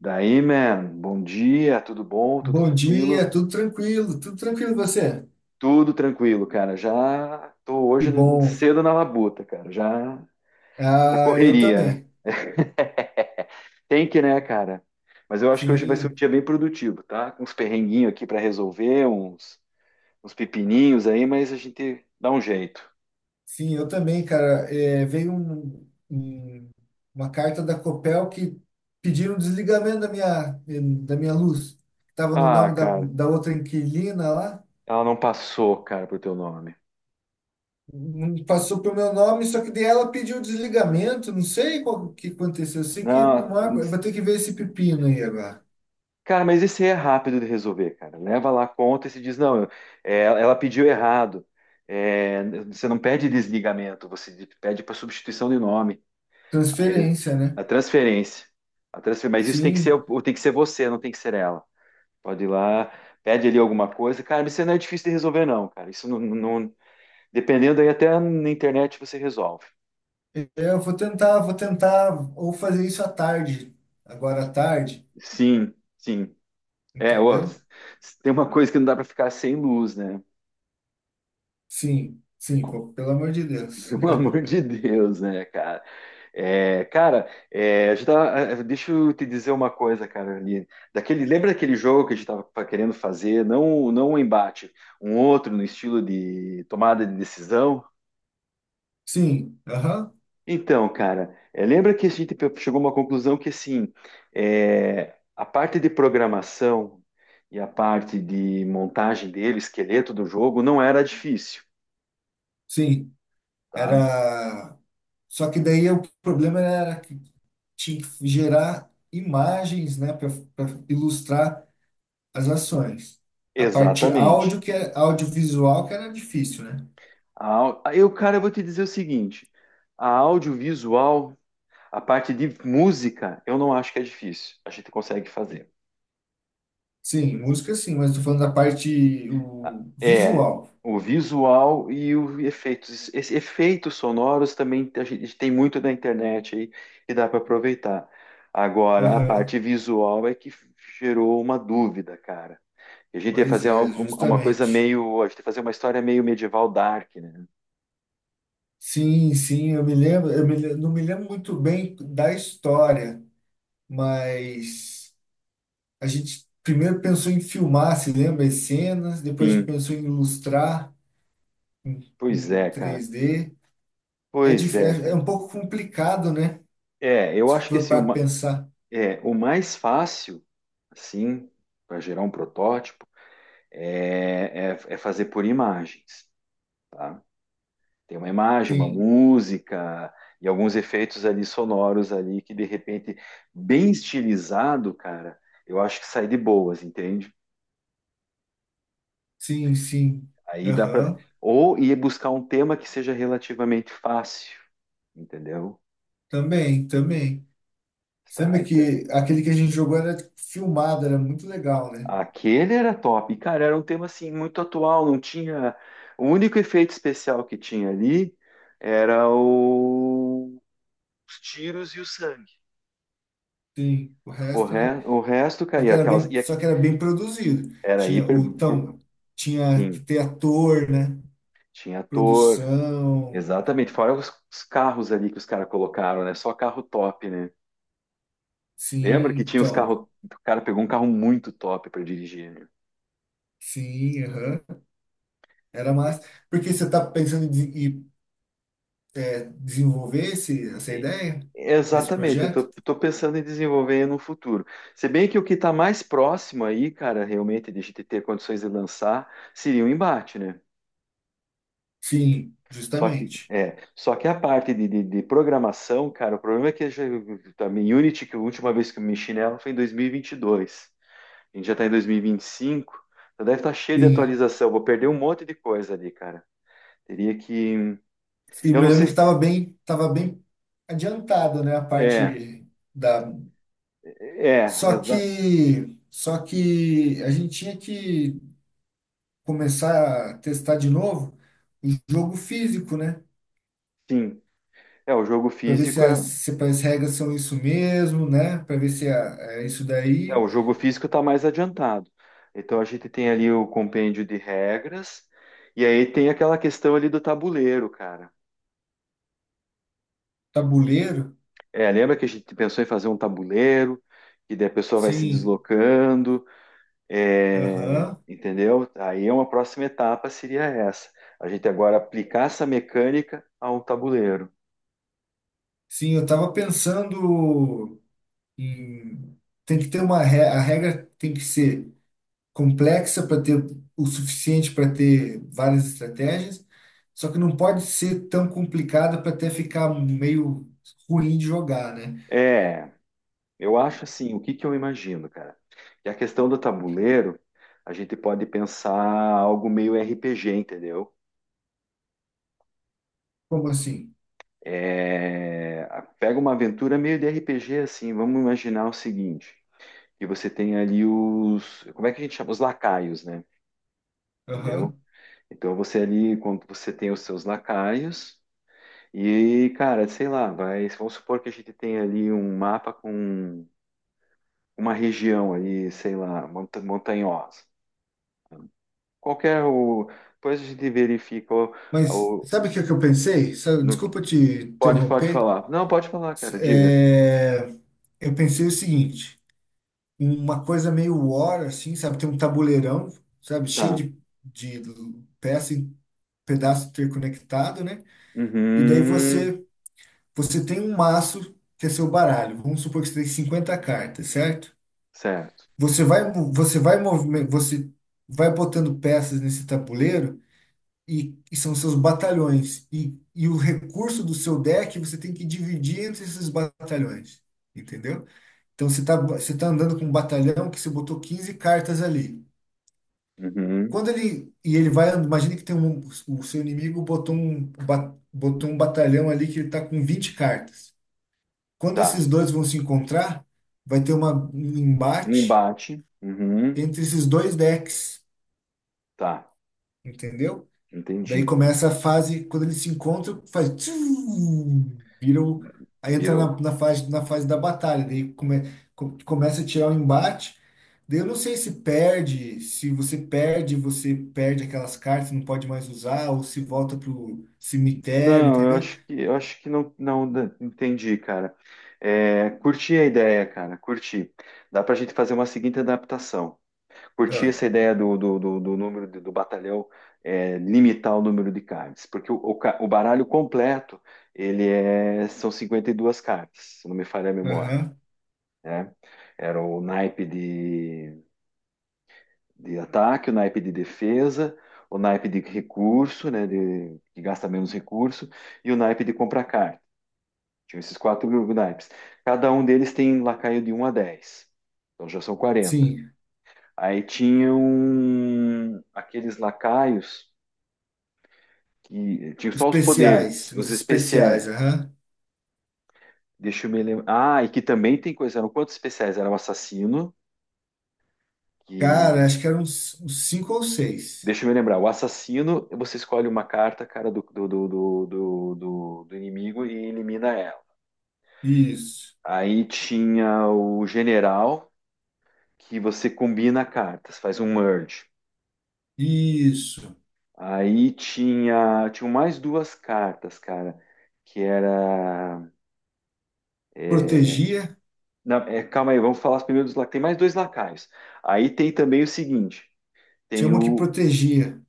Daí, man, bom dia, tudo bom? Tudo Bom tranquilo? dia, tudo tranquilo e você? Tudo tranquilo, cara. Já tô Que hoje bom. cedo na labuta, cara. Já na Ah, eu correria, né? também. Tem que, né, cara? Mas eu acho que hoje vai ser um Sim, dia bem produtivo, tá? Com uns perrenguinhos aqui pra resolver, uns pepininhos aí, mas a gente dá um jeito. sim, eu também, cara. É, veio uma carta da Copel que pediram o desligamento da minha luz. Estava no Ah, nome da, cara, da outra inquilina lá. ela não passou, cara, pro teu nome. Não passou pro meu nome, só que daí ela pediu o desligamento. Não sei qual que aconteceu. Eu sei que Não, não há- eu vou ter que ver esse pepino aí agora. cara, mas esse é rápido de resolver, cara. Leva lá a conta e se diz, não, é, ela pediu errado. É, você não pede desligamento, você pede para substituição de nome. Aí ele- Transferência, né? a transferência. A transfer, mas isso tem que ser, Sim, tem que ser você, não tem que ser ela. Pode ir lá, pede ali alguma coisa. Cara, isso não é difícil de resolver, não, cara. Isso Dependendo aí, até na internet você resolve. eu vou tentar ou fazer isso à tarde, agora à tarde, Sim, sim. É, ô, entendeu? tem uma coisa que não dá para ficar sem luz, né? Sim, sim, pô, pelo amor de Deus. Pelo amor de Deus, né, cara? É, cara, é, a gente tava- eh, deixa eu te dizer uma coisa, cara, ali. Daquele, lembra daquele jogo que a gente estava querendo fazer? Não, não um embate, um outro no estilo de tomada de decisão? Sim, aham, Então, cara, lembra que chegou a uma conclusão que, assim, a parte de programação e a parte de montagem dele, esqueleto do jogo, não era difícil, sim. tá? Era. Só que daí o problema era que tinha que gerar imagens, né, para ilustrar as ações. A parte Exatamente. áudio, que é audiovisual, que era difícil, né? Eu, cara, eu vou te dizer o seguinte: a audiovisual, a parte de música, eu não acho que é difícil. A gente consegue fazer. Sim, música sim, mas tô falando da parte A- o É visual. o visual e os efeitos. Esses efeitos sonoros também a gente tem muito na internet aí e dá para aproveitar. Agora, a parte Aham, visual é que gerou uma dúvida, cara. A gente ia pois fazer é, uma coisa justamente. meio. A gente ia fazer uma história meio medieval dark, né? Sim, sim, eu me lembro, não me lembro muito bem da história, mas a gente primeiro pensou em filmar, se lembra, as cenas, depois a gente Sim, pensou em ilustrar em, pois em é, cara. 3D. É, Pois dif- é, é, é cara. um pouco complicado, né? É, eu Se acho que for assim, para pensar. é, o mais fácil, assim, para gerar um protótipo é, é fazer por imagens, tá? Tem uma imagem, uma Sim, música e alguns efeitos ali sonoros ali que de repente bem estilizado, cara, eu acho que sai de boas, entende? sim, sim. Aí dá para Aham. ou ir buscar um tema que seja relativamente fácil, entendeu? Também, também. Você Tá, lembra que aquele que a gente jogou era filmado, era muito legal, né? aquele era top. E, cara, era um tema assim muito atual, não tinha. O único efeito especial que tinha ali era os tiros e o sangue. Sim, o O, resto, né? re... o resto, Só que cara, era aquelas. bem, só que era bem produzido. Era Tinha o, hiper. então, tinha que Sim, ter ator, né? tinha ator. Produção. Exatamente. Fora os carros ali que os caras colocaram, né? Só carro top, né? Lembra Sim, que tinha os então. carros. O cara pegou um carro muito top para dirigir, né? Sim, aham. Era massa. Porque você está pensando em desenvolver essa ideia desse Exatamente, eu tô, projeto? tô pensando em desenvolver no futuro. Se bem que o que está mais próximo aí, cara, realmente de a gente ter condições de lançar, seria um embate, né? Sim, Só que, justamente. é, só que a parte de, de programação, cara, o problema é que já, também Unity, que a última vez que eu mexi nela foi em dois mil e vinte e dois. A gente já está em dois mil e vinte e cinco, então deve estar cheio de Sim. atualização. Vou perder um monte de coisa ali, cara. Teria que. E Eu me não lembro sei que se. estava bem adiantado, né? A É, parte da. Só Exato. que, só que a gente tinha que começar a testar de novo o jogo físico, né? Sim. É, o jogo Para ver se físico é. as, se as regras são isso mesmo, né? Para ver se a- é isso Não, daí. o jogo físico está mais adiantado. Então a gente tem ali o compêndio de regras, e aí tem aquela questão ali do tabuleiro, cara. Tabuleiro? É, lembra que a gente pensou em fazer um tabuleiro, que daí a pessoa vai se Sim, deslocando, é, aham. entendeu? Aí uma próxima etapa seria essa. A gente agora aplicar essa mecânica a um tabuleiro. Sim, eu estava pensando em. Tem que ter a regra tem que ser complexa para ter o suficiente para ter várias estratégias, só que não pode ser tão complicada para até ficar meio ruim de jogar, né? É, eu acho assim, o que que eu imagino, cara? Que a questão do tabuleiro, a gente pode pensar algo meio RPG, entendeu? Como assim? É, pega uma aventura meio de RPG assim. Vamos imaginar o seguinte: que você tem ali os, como é que a gente chama? Os lacaios, né? Entendeu? Aham. Então você ali, quando você tem os seus lacaios e, cara, sei lá, vai, vamos supor que a gente tem ali um mapa com uma região ali, sei lá, montanhosa. Qualquer o? Depois a gente verifica o, Mas o- sabe o que é que eu pensei? No- Desculpa te pode interromper. falar. Não, pode falar, cara. Diga. é, eu pensei o seguinte, uma coisa meio war, assim, sabe? Tem um tabuleirão, sabe? Cheio Tá. de peça e pedaço interconectado, né? E daí Uhum. você tem um maço que é seu baralho. Vamos supor que você tem 50 cartas, certo? Certo. Você vai, mo- você vai, movime- você vai botando peças nesse tabuleiro e são seus batalhões. E o recurso do seu deck você tem que dividir entre esses batalhões. Entendeu? Então você tá andando com um batalhão que você botou 15 cartas ali. Uhum. Quando ele. E ele vai. Imagina que tem um, o seu inimigo botou um batalhão ali que ele tá com 20 cartas. Quando Tá. esses dois vão se encontrar, vai ter uma, um Um embate embate. Uhum. entre esses dois decks. Tá. Entendeu? Daí Entendi. começa a fase, quando eles se encontram, faz. Tchum, viram. Aí entra na, Virou. na fase, na fase da batalha. Daí começa a tirar o embate. Daí eu não sei se você perde, você perde aquelas cartas, não pode mais usar, ou se volta pro cemitério, Não, eu entendeu? acho que eu acho que não, entendi, cara. É, curti a ideia, cara. Curti. Dá pra gente fazer uma seguinte adaptação. Curti Ah, essa ideia do número do batalhão, é, limitar o número de cards, porque o, o baralho completo ele são 52 cartas, se não me falha a memória, aham. né? Era o naipe de ataque, o naipe de defesa, o naipe de recurso, né, de, que gasta menos recurso, e o naipe de compra carta. Tinham esses quatro naipes. Cada um deles tem lacaio de 1 a 10. Então já são 40. Sim. Aí tinham aqueles lacaios que tinham Os só os poderes, especiais. os Os especiais. especiais, aham. Deixa eu me lembrar. Ah, e que também tem coisa. Eram quantos especiais? Era o assassino, que. Cara, acho que eram uns cinco ou seis. Deixa eu me lembrar. O assassino, você escolhe uma carta, cara, do inimigo e elimina ela. Isso. Aí tinha o general, que você combina cartas, faz um merge. Isso. Aí tinha mais duas cartas, cara, que era... é, Protegia. Calma aí, vamos falar primeiro dos. Tem mais dois lacaios. Aí tem também o seguinte, Tinha tem uma que o, protegia.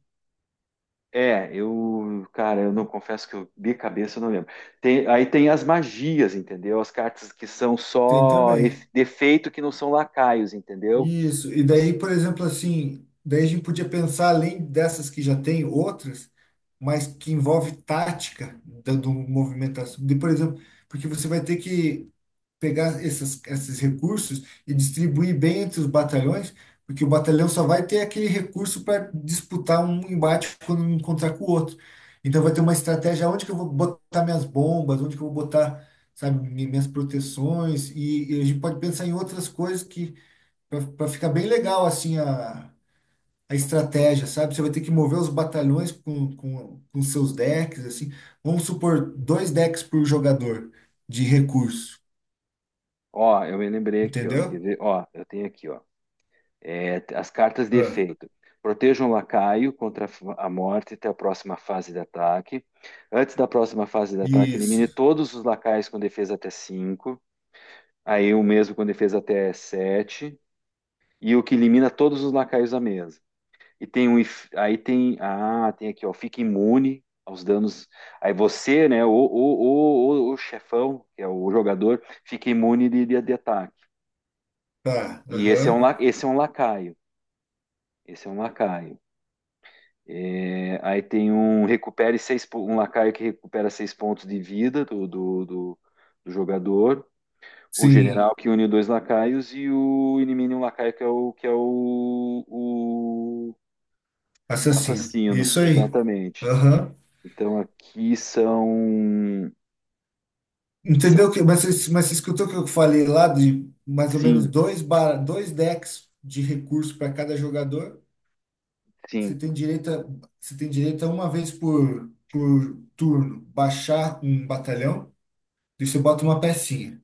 é, eu, cara, eu não confesso que eu de cabeça eu não lembro. Aí tem as magias, entendeu? As cartas que são Tem só também. Defeito que não são lacaios, entendeu? Isso. E Assim, daí, por exemplo, assim, daí a gente podia pensar, além dessas que já tem, outras, mas que envolve tática do movimentação. De, por exemplo, porque você vai ter que pegar essas, esses recursos e distribuir bem entre os batalhões, porque o batalhão só vai ter aquele recurso para disputar um embate quando um encontrar com o outro. Então vai ter uma estratégia onde que eu vou botar minhas bombas, onde que eu vou botar, sabe, minhas proteções, e a gente pode pensar em outras coisas para ficar bem legal assim a estratégia, sabe? Você vai ter que mover os batalhões com seus decks, assim. Vamos supor dois decks por jogador de recurso, ó, eu me lembrei aqui, ó, quer entendeu? ver? Ó, eu tenho aqui, ó. É, as cartas de Ah, efeito. Protejam o lacaio contra a morte até a próxima fase de ataque. Antes da próxima fase de ataque, isso. elimine todos os lacaios com defesa até 5. Aí o mesmo com defesa até 7. E o que elimina todos os lacaios da mesa. E tem tem aqui, ó, fica imune aos danos. Aí você, né, o chefão, que é o jogador, fica imune de, de ataque. Tá, E aham. Esse é um lacaio. Esse é um lacaio. É, aí tem um recupere um lacaio que recupera 6 pontos de vida do jogador. O Sim, general que une dois lacaios e o elimine um lacaio que é o assassino. assassino. Isso aí. Exatamente. Aham. Então aqui são, são, Entendeu que, mas, mas você escutou o que eu falei lá de mais ou menos sim, dois decks de recurso para cada jogador? Você sim, tem direito a, você tem direito a uma vez por turno baixar um batalhão e você bota uma pecinha.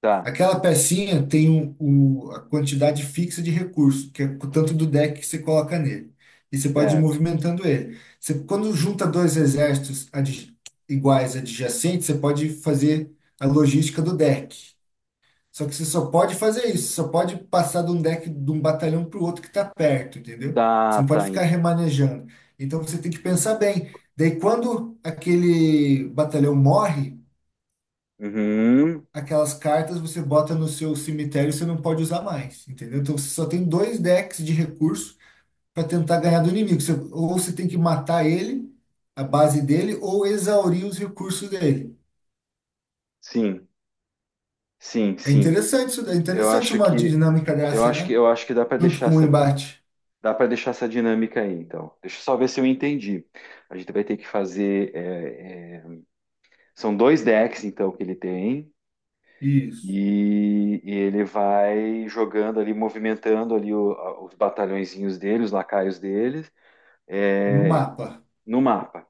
tá, Aquela pecinha tem a quantidade fixa de recurso, que é o tanto do deck que você coloca nele. E você pode ir certo, movimentando ele. Você, quando junta dois exércitos iguais adjacentes, você pode fazer a logística do deck. Só que você só pode fazer isso, só pode passar de um deck de um batalhão para o outro que está perto, entendeu? Você tá, não pode tá, ficar remanejando. Então você tem que pensar bem. Daí quando aquele batalhão morre, uhum, aquelas cartas você bota no seu cemitério e você não pode usar mais, entendeu? Então você só tem dois decks de recurso para tentar ganhar do inimigo. Ou você tem que matar ele, a base dele, ou exaurir os recursos dele. sim, sim, É sim. interessante isso, daí, é Eu interessante acho uma que, dinâmica eu dessa, acho que, né? eu acho que dá para Junto deixar com o essa, embate. dá para deixar essa dinâmica aí. Então, deixa eu só ver se eu entendi. A gente vai ter que fazer, são dois decks então que ele tem, Isso. e ele vai jogando ali, movimentando ali os batalhõezinhos dele, os lacaios deles, No é, mapa. no mapa.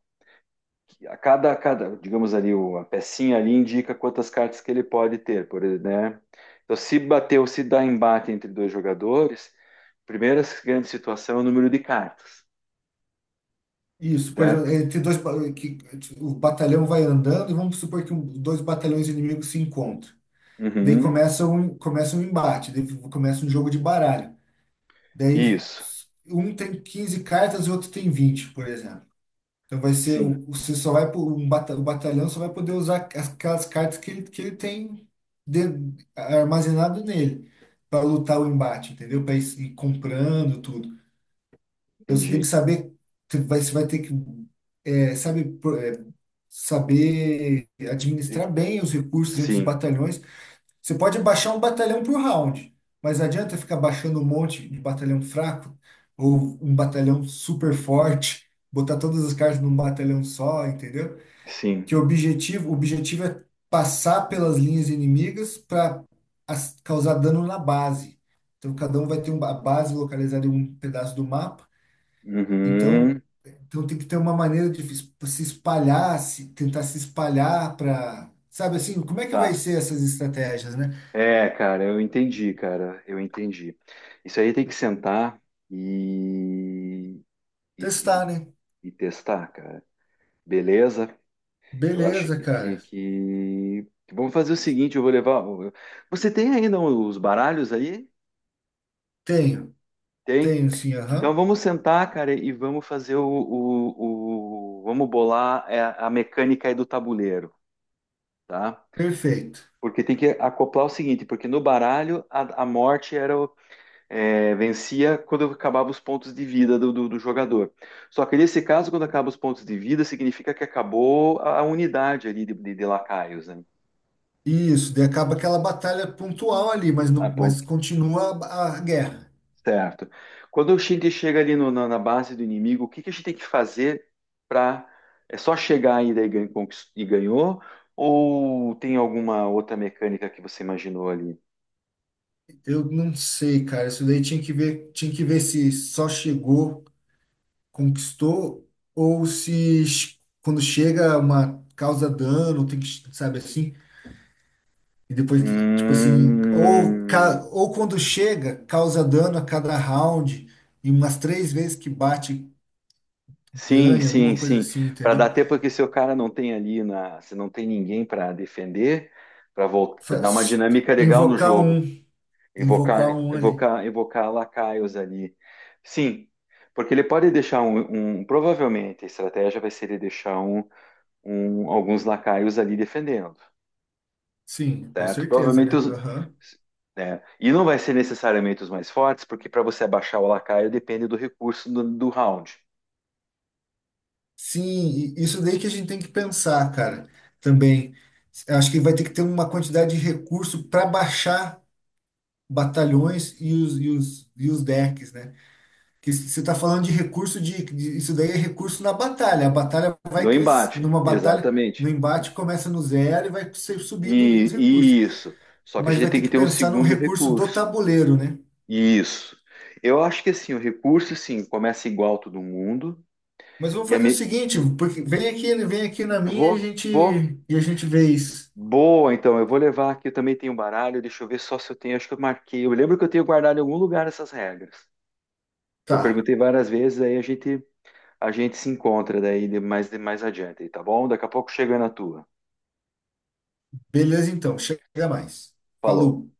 Digamos ali, uma pecinha ali indica quantas cartas que ele pode ter, por, né? Então, se bateu se dá embate entre dois jogadores, primeira grande situação é o número de cartas, Isso, por exemplo, certo? entre o batalhão vai andando e vamos supor que dois batalhões inimigos se encontram. Daí Uhum. começa um embate, daí começa um jogo de baralho. Daí Isso. um tem 15 cartas e o outro tem 20, por exemplo. Então vai ser, Sim, você só vai, o batalhão só vai poder usar aquelas cartas que ele tem de- armazenado nele para lutar o embate, entendeu? Para ir comprando tudo. Então você tem que entendi. saber, você vai ter que, sabe, saber administrar bem os recursos entre os Sim, batalhões. Você pode baixar um batalhão por round, mas não adianta ficar baixando um monte de batalhão fraco ou um batalhão super forte, botar todas as cartas num batalhão só, entendeu? sim. Que o objetivo é passar pelas linhas inimigas para causar dano na base. Então cada um vai ter uma base localizada em um pedaço do mapa Uhum. então, tem que ter uma maneira de se espalhar, se, tentar se espalhar para, sabe assim, como é que vai Tá. ser essas estratégias, né? É, cara, eu entendi, cara, eu entendi. Isso aí tem que sentar e, e, Testar, né? e testar, cara. Beleza? Que eu acho Beleza, que, que, cara. que- Vamos fazer o seguinte, eu vou levar. Você tem ainda os baralhos aí? Tenho, Tem. tenho sim, Então aham. vamos sentar, cara, e vamos fazer o, vamos bolar, a mecânica aí do tabuleiro, tá? Perfeito. Porque tem que acoplar o seguinte, porque no baralho a morte é, vencia quando acabava os pontos de vida do, do jogador. Só que nesse caso, quando acaba os pontos de vida, significa que acabou a unidade ali de, de lacaios, né? Isso, daí acaba aquela batalha pontual ali, mas A não, pon- mas continua a guerra. Certo. Quando a gente chega ali na base do inimigo, o que, que a gente tem que fazer para. É só chegar aí daí e ganhou? Ou tem alguma outra mecânica que você imaginou ali? Eu não sei, cara. Isso daí tinha que ver se só chegou, conquistou, ou se quando chega uma causa dano, tem que, sabe assim? E depois, tipo assim, ou, ca- Hum, ou quando chega, causa dano a cada round, e umas três vezes que bate, sim, ganha, sim, alguma coisa sim. assim, Para dar entendeu? tempo porque se o cara não tem ali se não tem ninguém para defender, para dar uma Faz- dinâmica legal no Invocar jogo. um, Evocar, invocar um ali. evocar, evocar lacaios ali. Sim, porque ele pode deixar provavelmente a estratégia vai ser ele deixar alguns lacaios ali defendendo, Sim, com certo? certeza, Provavelmente né? os, Aham. né? E não vai ser necessariamente os mais fortes, porque para você abaixar o lacaio depende do recurso do round, Sim, e isso daí que a gente tem que pensar, cara, também. Acho que vai ter que ter uma quantidade de recurso para baixar batalhões e os, decks, né? Você está falando de recurso de, isso daí é recurso na batalha. A batalha do vai crescer, embate, numa batalha, no exatamente. embate começa no zero e vai ser E, subindo os recursos. e isso. Só que a Mas gente vai tem ter que que ter um pensar num segundo recurso do recurso. tabuleiro, né? Isso. Eu acho que assim, o recurso sim começa igual todo mundo. Mas vamos E a fazer o mi- seguinte, porque vem aqui, ele vem aqui na minha Vou, e a gente vou. e a gente vê isso. Boa, então. Eu vou levar aqui. Eu também tenho um baralho. Deixa eu ver só se eu tenho. Acho que eu marquei. Eu lembro que eu tenho guardado em algum lugar essas regras. Que eu Tá. perguntei várias vezes, aí a gente se encontra daí de mais adiante, tá bom? Daqui a pouco chega na tua. Beleza então, chega mais. Falou. Falou.